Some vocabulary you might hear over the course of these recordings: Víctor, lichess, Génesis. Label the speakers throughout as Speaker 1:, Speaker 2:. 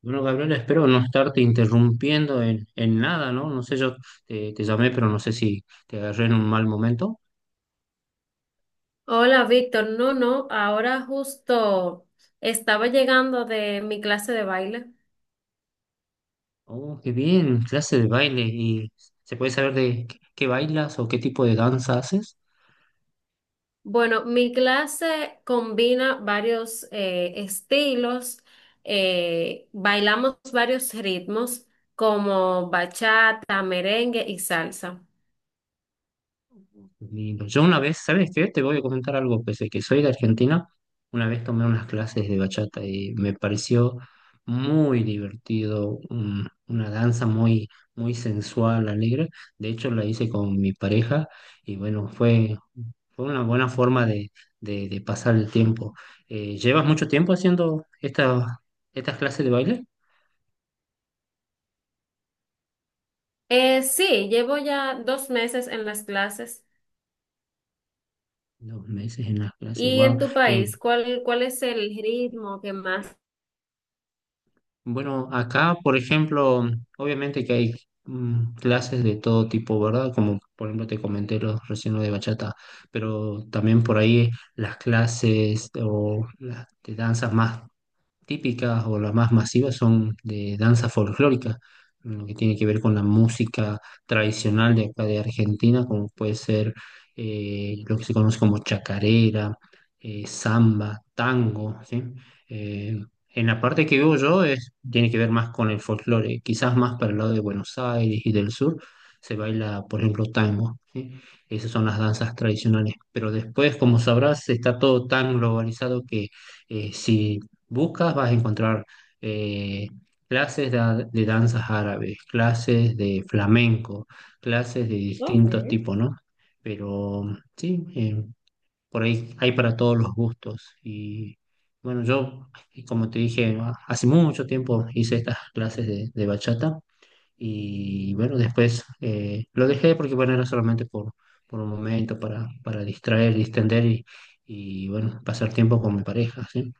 Speaker 1: Bueno, Gabriela, espero no estarte interrumpiendo en nada, ¿no? No sé, yo te llamé, pero no sé si te agarré en un mal momento.
Speaker 2: Hola, Víctor. No, no, ahora justo estaba llegando de mi clase de baile.
Speaker 1: Oh, qué bien, clase de baile. ¿Y se puede saber de qué bailas o qué tipo de danza haces?
Speaker 2: Bueno, mi clase combina varios estilos, bailamos varios ritmos como bachata, merengue y salsa.
Speaker 1: Lindo. Yo una vez, ¿sabes qué? Te voy a comentar algo, pese a que soy de Argentina, una vez tomé unas clases de bachata y me pareció muy divertido, una danza muy, muy sensual, alegre. De hecho, la hice con mi pareja y bueno, fue una buena forma de pasar el tiempo. ¿Llevas mucho tiempo haciendo estas clases de baile?
Speaker 2: Sí, llevo ya 2 meses en las clases.
Speaker 1: 2 meses en las clases,
Speaker 2: ¿Y
Speaker 1: wow.
Speaker 2: en tu país,
Speaker 1: Eh,
Speaker 2: cuál es el ritmo que más?
Speaker 1: bueno, acá, por ejemplo, obviamente que hay clases de todo tipo, ¿verdad? Como por ejemplo te comenté recién lo de bachata, pero también por ahí las clases o las de danzas más típicas o las más masivas son de danza folclórica, lo que tiene que ver con la música tradicional de acá de Argentina, como puede ser lo que se conoce como chacarera, samba, tango, ¿sí? Eh, en la parte que vivo yo es, tiene que ver más con el folclore, quizás más para el lado de Buenos Aires y del sur se baila, por ejemplo, tango, ¿sí? Esas son las danzas tradicionales, pero después, como sabrás, está todo tan globalizado que si buscas, vas a encontrar eh, clases de danzas árabes, clases de flamenco, clases de
Speaker 2: Ok,
Speaker 1: distintos tipos, ¿no? Pero sí, por ahí hay para todos los gustos. Y bueno, yo, y como te dije, hace mucho tiempo hice estas clases de bachata y bueno, después lo dejé porque bueno, era solamente por un momento para distraer, distender y bueno, pasar tiempo con mi pareja, ¿sí?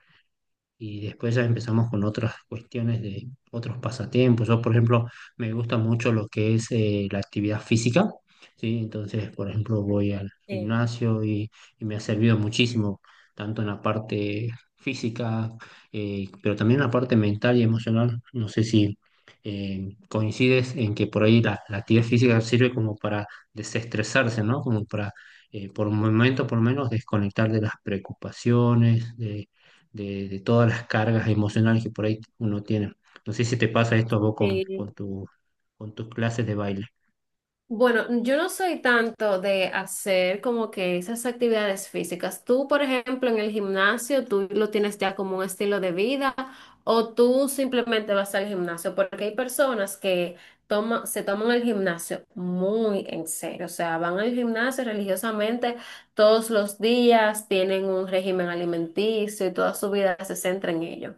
Speaker 1: Y después ya empezamos con otras cuestiones de otros pasatiempos. Yo, por ejemplo, me gusta mucho lo que es la actividad física, ¿sí? Entonces, por ejemplo, voy al
Speaker 2: sí.
Speaker 1: gimnasio y me ha servido muchísimo, tanto en la parte física, pero también en la parte mental y emocional. No sé si coincides en que por ahí la actividad física sirve como para desestresarse, ¿no? Como para, por un momento, por lo menos, desconectar de las preocupaciones, de todas las cargas emocionales que por ahí uno tiene. No sé si te pasa esto a vos con tu, con tus clases de baile.
Speaker 2: Bueno, yo no soy tanto de hacer como que esas actividades físicas. Tú, por ejemplo, en el gimnasio, tú lo tienes ya como un estilo de vida o tú simplemente vas al gimnasio, porque hay personas que se toman el gimnasio muy en serio, o sea, van al gimnasio religiosamente todos los días, tienen un régimen alimenticio y toda su vida se centra en ello.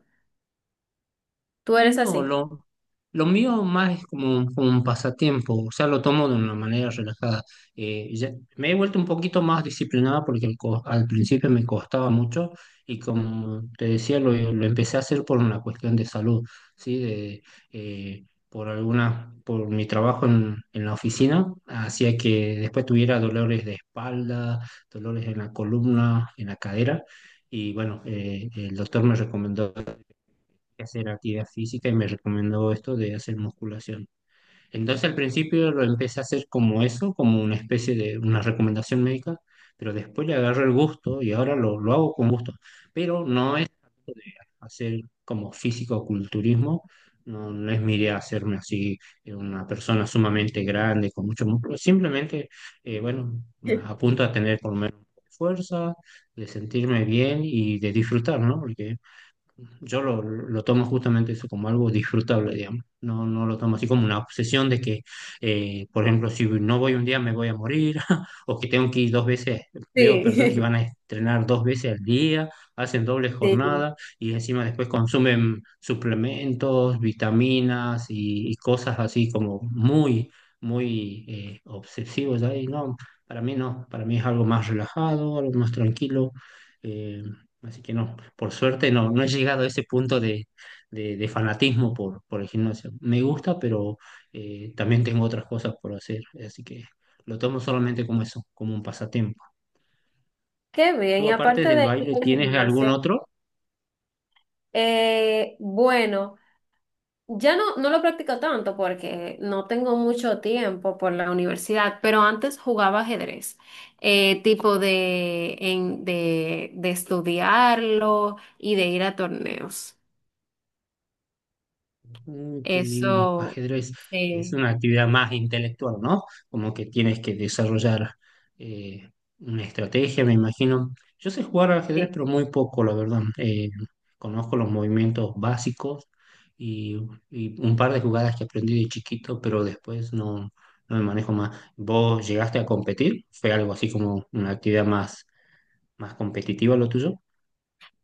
Speaker 2: ¿Tú eres
Speaker 1: No,
Speaker 2: así?
Speaker 1: lo mío más es como, un pasatiempo, o sea, lo tomo de una manera relajada. Eh, ya- Me he vuelto un poquito más disciplinada porque al principio me costaba mucho y como te decía, lo empecé a hacer por una cuestión de salud, ¿sí? Por por mi trabajo en la oficina, hacía que después tuviera dolores de espalda, dolores en la columna, en la cadera. Y bueno, el doctor me recomendó hacer actividad física y me recomendó esto de hacer musculación. Entonces al principio lo empecé a hacer como eso, como una especie de una recomendación médica, pero después le agarré el gusto y ahora lo hago con gusto. Pero no es algo de hacer como físico-culturismo, no, no es mi idea hacerme así una persona sumamente grande, con mucho músculo, simplemente, bueno, apunto a tener por lo menos fuerza, de sentirme bien y de disfrutar, ¿no? Porque yo lo tomo justamente eso como algo disfrutable, digamos. No, no lo tomo así como una obsesión de que, por ejemplo, si no voy un día me voy a morir, o que tengo que ir 2 veces. Veo personas que van
Speaker 2: Sí,
Speaker 1: a entrenar 2 veces al día, hacen doble
Speaker 2: sí.
Speaker 1: jornada y encima después consumen suplementos, vitaminas y cosas así como muy, muy obsesivos ahí. No, para mí no, para mí es algo más relajado, algo más tranquilo. eh, Así que no, por suerte no, no he llegado a ese punto de fanatismo por el gimnasio. Me gusta, pero también tengo otras cosas por hacer, así que lo tomo solamente como eso, como un pasatiempo.
Speaker 2: Qué bien,
Speaker 1: ¿Tú
Speaker 2: y
Speaker 1: aparte
Speaker 2: aparte
Speaker 1: del
Speaker 2: de ir
Speaker 1: baile
Speaker 2: al
Speaker 1: tienes algún
Speaker 2: gimnasio.
Speaker 1: otro?
Speaker 2: Bueno, ya no, no lo practico tanto porque no tengo mucho tiempo por la universidad, pero antes jugaba ajedrez, tipo de, en- de, de estudiarlo y de ir a torneos.
Speaker 1: Mm, qué lindo.
Speaker 2: Eso,
Speaker 1: Ajedrez es
Speaker 2: sí,
Speaker 1: una actividad más intelectual, ¿no? Como que tienes que desarrollar eh, una estrategia, me imagino. Yo sé jugar al ajedrez,
Speaker 2: sí.
Speaker 1: pero muy poco, la verdad. Conozco los movimientos básicos y, y un par de jugadas que aprendí de chiquito, pero después no, no me manejo más. ¿Vos llegaste a competir? ¿Fue algo así como una actividad más competitiva lo tuyo?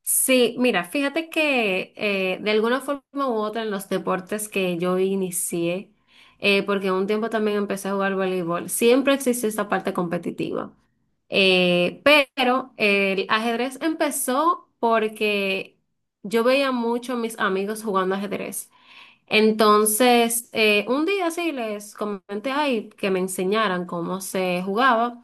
Speaker 2: Sí, mira, fíjate que de alguna forma u otra en los deportes que yo inicié, porque un tiempo también empecé a jugar voleibol, siempre existe esta parte competitiva. Eh, pero el ajedrez empezó porque yo veía mucho a mis amigos jugando ajedrez. Entonces, un día sí les comenté ay, que me enseñaran cómo se jugaba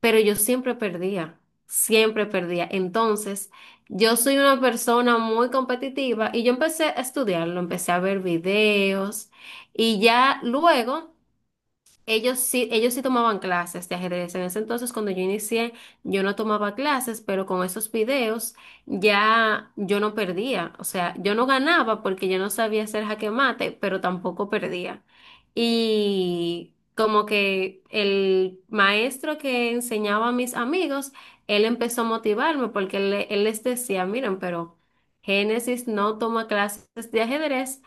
Speaker 2: pero yo siempre perdía, siempre perdía. Entonces, yo soy una persona muy competitiva y yo empecé a estudiarlo, empecé a ver videos y ya luego... ellos sí tomaban clases de ajedrez. En ese entonces, cuando yo inicié, yo no tomaba clases, pero con esos videos ya yo no perdía. O sea, yo no ganaba porque yo no sabía hacer jaque mate, pero tampoco perdía. Y como que el maestro que enseñaba a mis amigos, él empezó a motivarme porque él les decía, miren, pero Génesis no toma clases de ajedrez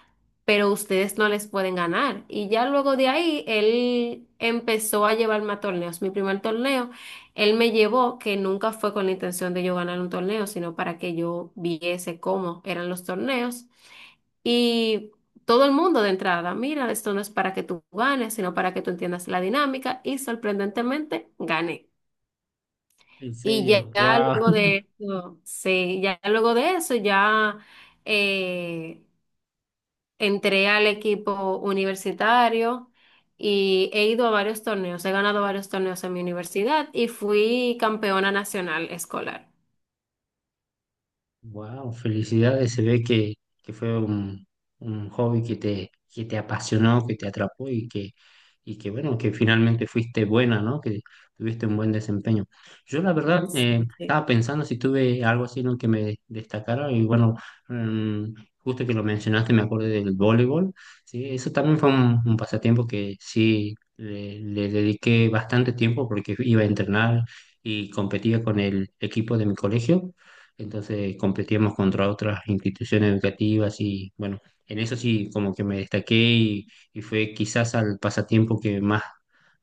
Speaker 2: pero ustedes no les pueden ganar. Y ya luego de ahí, él empezó a llevarme a torneos. Mi primer torneo, él me llevó, que nunca fue con la intención de yo ganar un torneo, sino para que yo viese cómo eran los torneos. Y todo el mundo de entrada, mira, esto no es para que tú ganes, sino para que tú entiendas la dinámica. Y sorprendentemente, gané.
Speaker 1: ¿En
Speaker 2: Y ya
Speaker 1: serio?
Speaker 2: ya
Speaker 1: ¡Wow!
Speaker 2: luego de eso, sí, ya luego de eso, eh, entré al equipo universitario y he ido a varios torneos, he ganado varios torneos en mi universidad y fui campeona nacional escolar.
Speaker 1: Wow, felicidades. Se ve que fue un hobby que te apasionó, que te atrapó y que bueno, que finalmente fuiste buena, ¿no? Que tuviste un buen desempeño. Yo la verdad
Speaker 2: Sí, sí.
Speaker 1: estaba pensando si tuve algo así en lo que me destacara y bueno, mm, justo que lo mencionaste me acordé del voleibol, ¿sí? Eso también fue un pasatiempo que sí le dediqué bastante tiempo porque iba a entrenar y competía con el equipo de mi colegio, entonces competíamos contra otras instituciones educativas y bueno, en eso sí como que me destaqué y fue quizás al pasatiempo que más,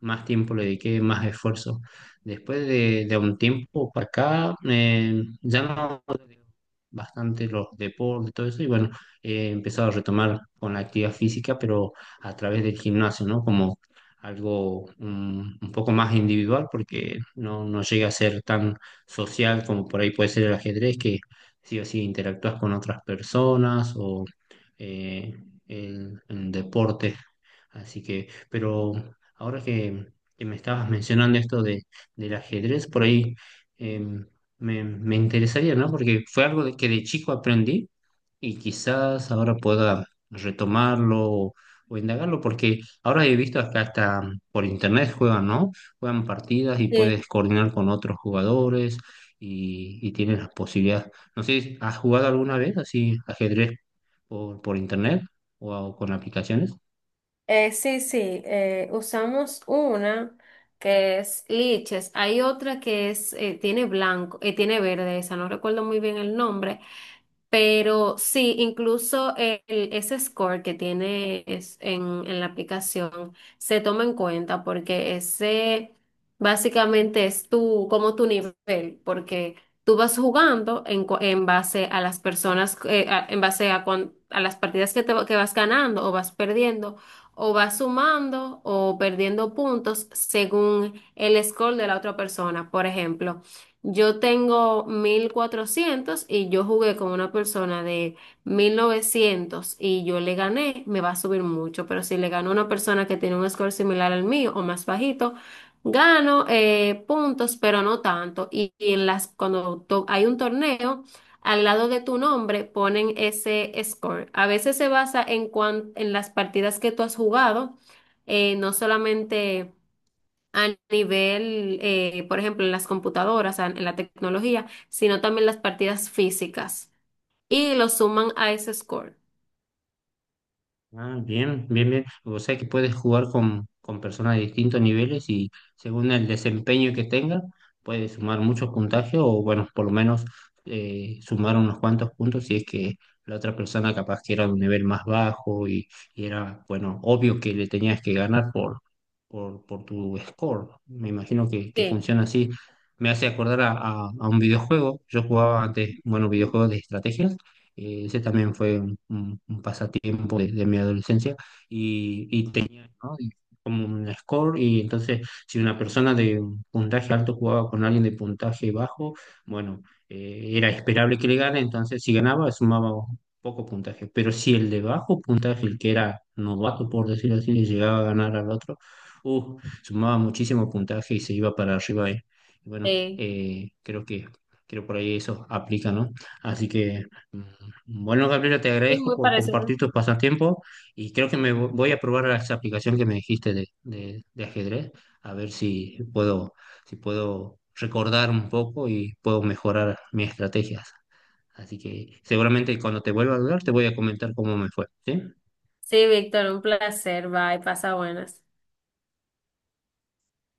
Speaker 1: más tiempo le dediqué, más esfuerzo. Después de un tiempo para acá, ya no bastante los deportes, todo eso, y bueno, he empezado a retomar con la actividad física, pero a través del gimnasio, ¿no? Como algo poco más individual, porque no, no llega a ser tan social, como por ahí puede ser el ajedrez, que sí o sí interactúas con otras personas o eh, el, deporte. Así que, pero ahora que me estabas mencionando esto del ajedrez, por ahí em, me interesaría, ¿no? Porque fue algo de que de chico aprendí y quizás ahora pueda retomarlo o indagarlo, porque ahora he visto que hasta por internet juegan, ¿no? Juegan partidas y puedes
Speaker 2: Sí,
Speaker 1: coordinar con otros jugadores y tienes las posibilidades. No sé, ¿has jugado alguna vez así ajedrez por internet o con aplicaciones?
Speaker 2: sí, usamos una que es liches, hay otra que es, tiene blanco, tiene verde, esa no recuerdo muy bien el nombre. Pero sí, incluso ese score que en la aplicación se toma en cuenta porque ese básicamente es tu, como tu nivel, porque tú vas jugando en base a las personas, en base a, a las partidas que vas ganando o vas perdiendo, o vas sumando o perdiendo puntos según el score de la otra persona. Por ejemplo. Yo tengo 1400 y yo jugué con una persona de 1900 y yo le gané, me va a subir mucho, pero si le gano a una persona que tiene un score similar al mío o más bajito, gano puntos, pero no tanto. Y en las, hay un torneo, al lado de tu nombre ponen ese score. A veces se basa en las partidas que tú has jugado, no solamente a nivel, por ejemplo, en las computadoras, en la tecnología, sino también las partidas físicas. Y lo suman a ese score.
Speaker 1: Ah, bien, bien, bien. O sea que puedes jugar con personas de distintos niveles y según el desempeño que tenga, puedes sumar muchos puntajes o, bueno, por lo menos sumar unos cuantos puntos si es que la otra persona capaz que era de un nivel más bajo y era, bueno, obvio que le tenías que ganar por tu score. Me imagino que
Speaker 2: Sí,
Speaker 1: funciona así. Me hace acordar a un videojuego. Yo jugaba antes, bueno, videojuegos de estrategias. Ese también fue un pasatiempo de mi adolescencia y tenía, ¿no? Y como un score y entonces si una persona de puntaje alto jugaba con alguien de puntaje bajo, bueno, era esperable que le gane, entonces si ganaba sumaba poco puntaje, pero si el de bajo puntaje, el que era novato por decirlo así, le llegaba a ganar al otro, sumaba muchísimo puntaje y se iba para arriba ahí. Y bueno,
Speaker 2: sí,
Speaker 1: creo por ahí eso aplica, ¿no? Así que, bueno, Gabriela, te
Speaker 2: sí,
Speaker 1: agradezco
Speaker 2: muy
Speaker 1: por
Speaker 2: parecido.
Speaker 1: compartir tus pasatiempos y creo que voy a probar esa aplicación que me dijiste de ajedrez, a ver si puedo, si puedo recordar un poco y puedo mejorar mis estrategias. Así que seguramente cuando te vuelva a hablar te voy a comentar cómo me fue, ¿sí?
Speaker 2: Sí, Víctor, un placer. Bye, pasa buenas.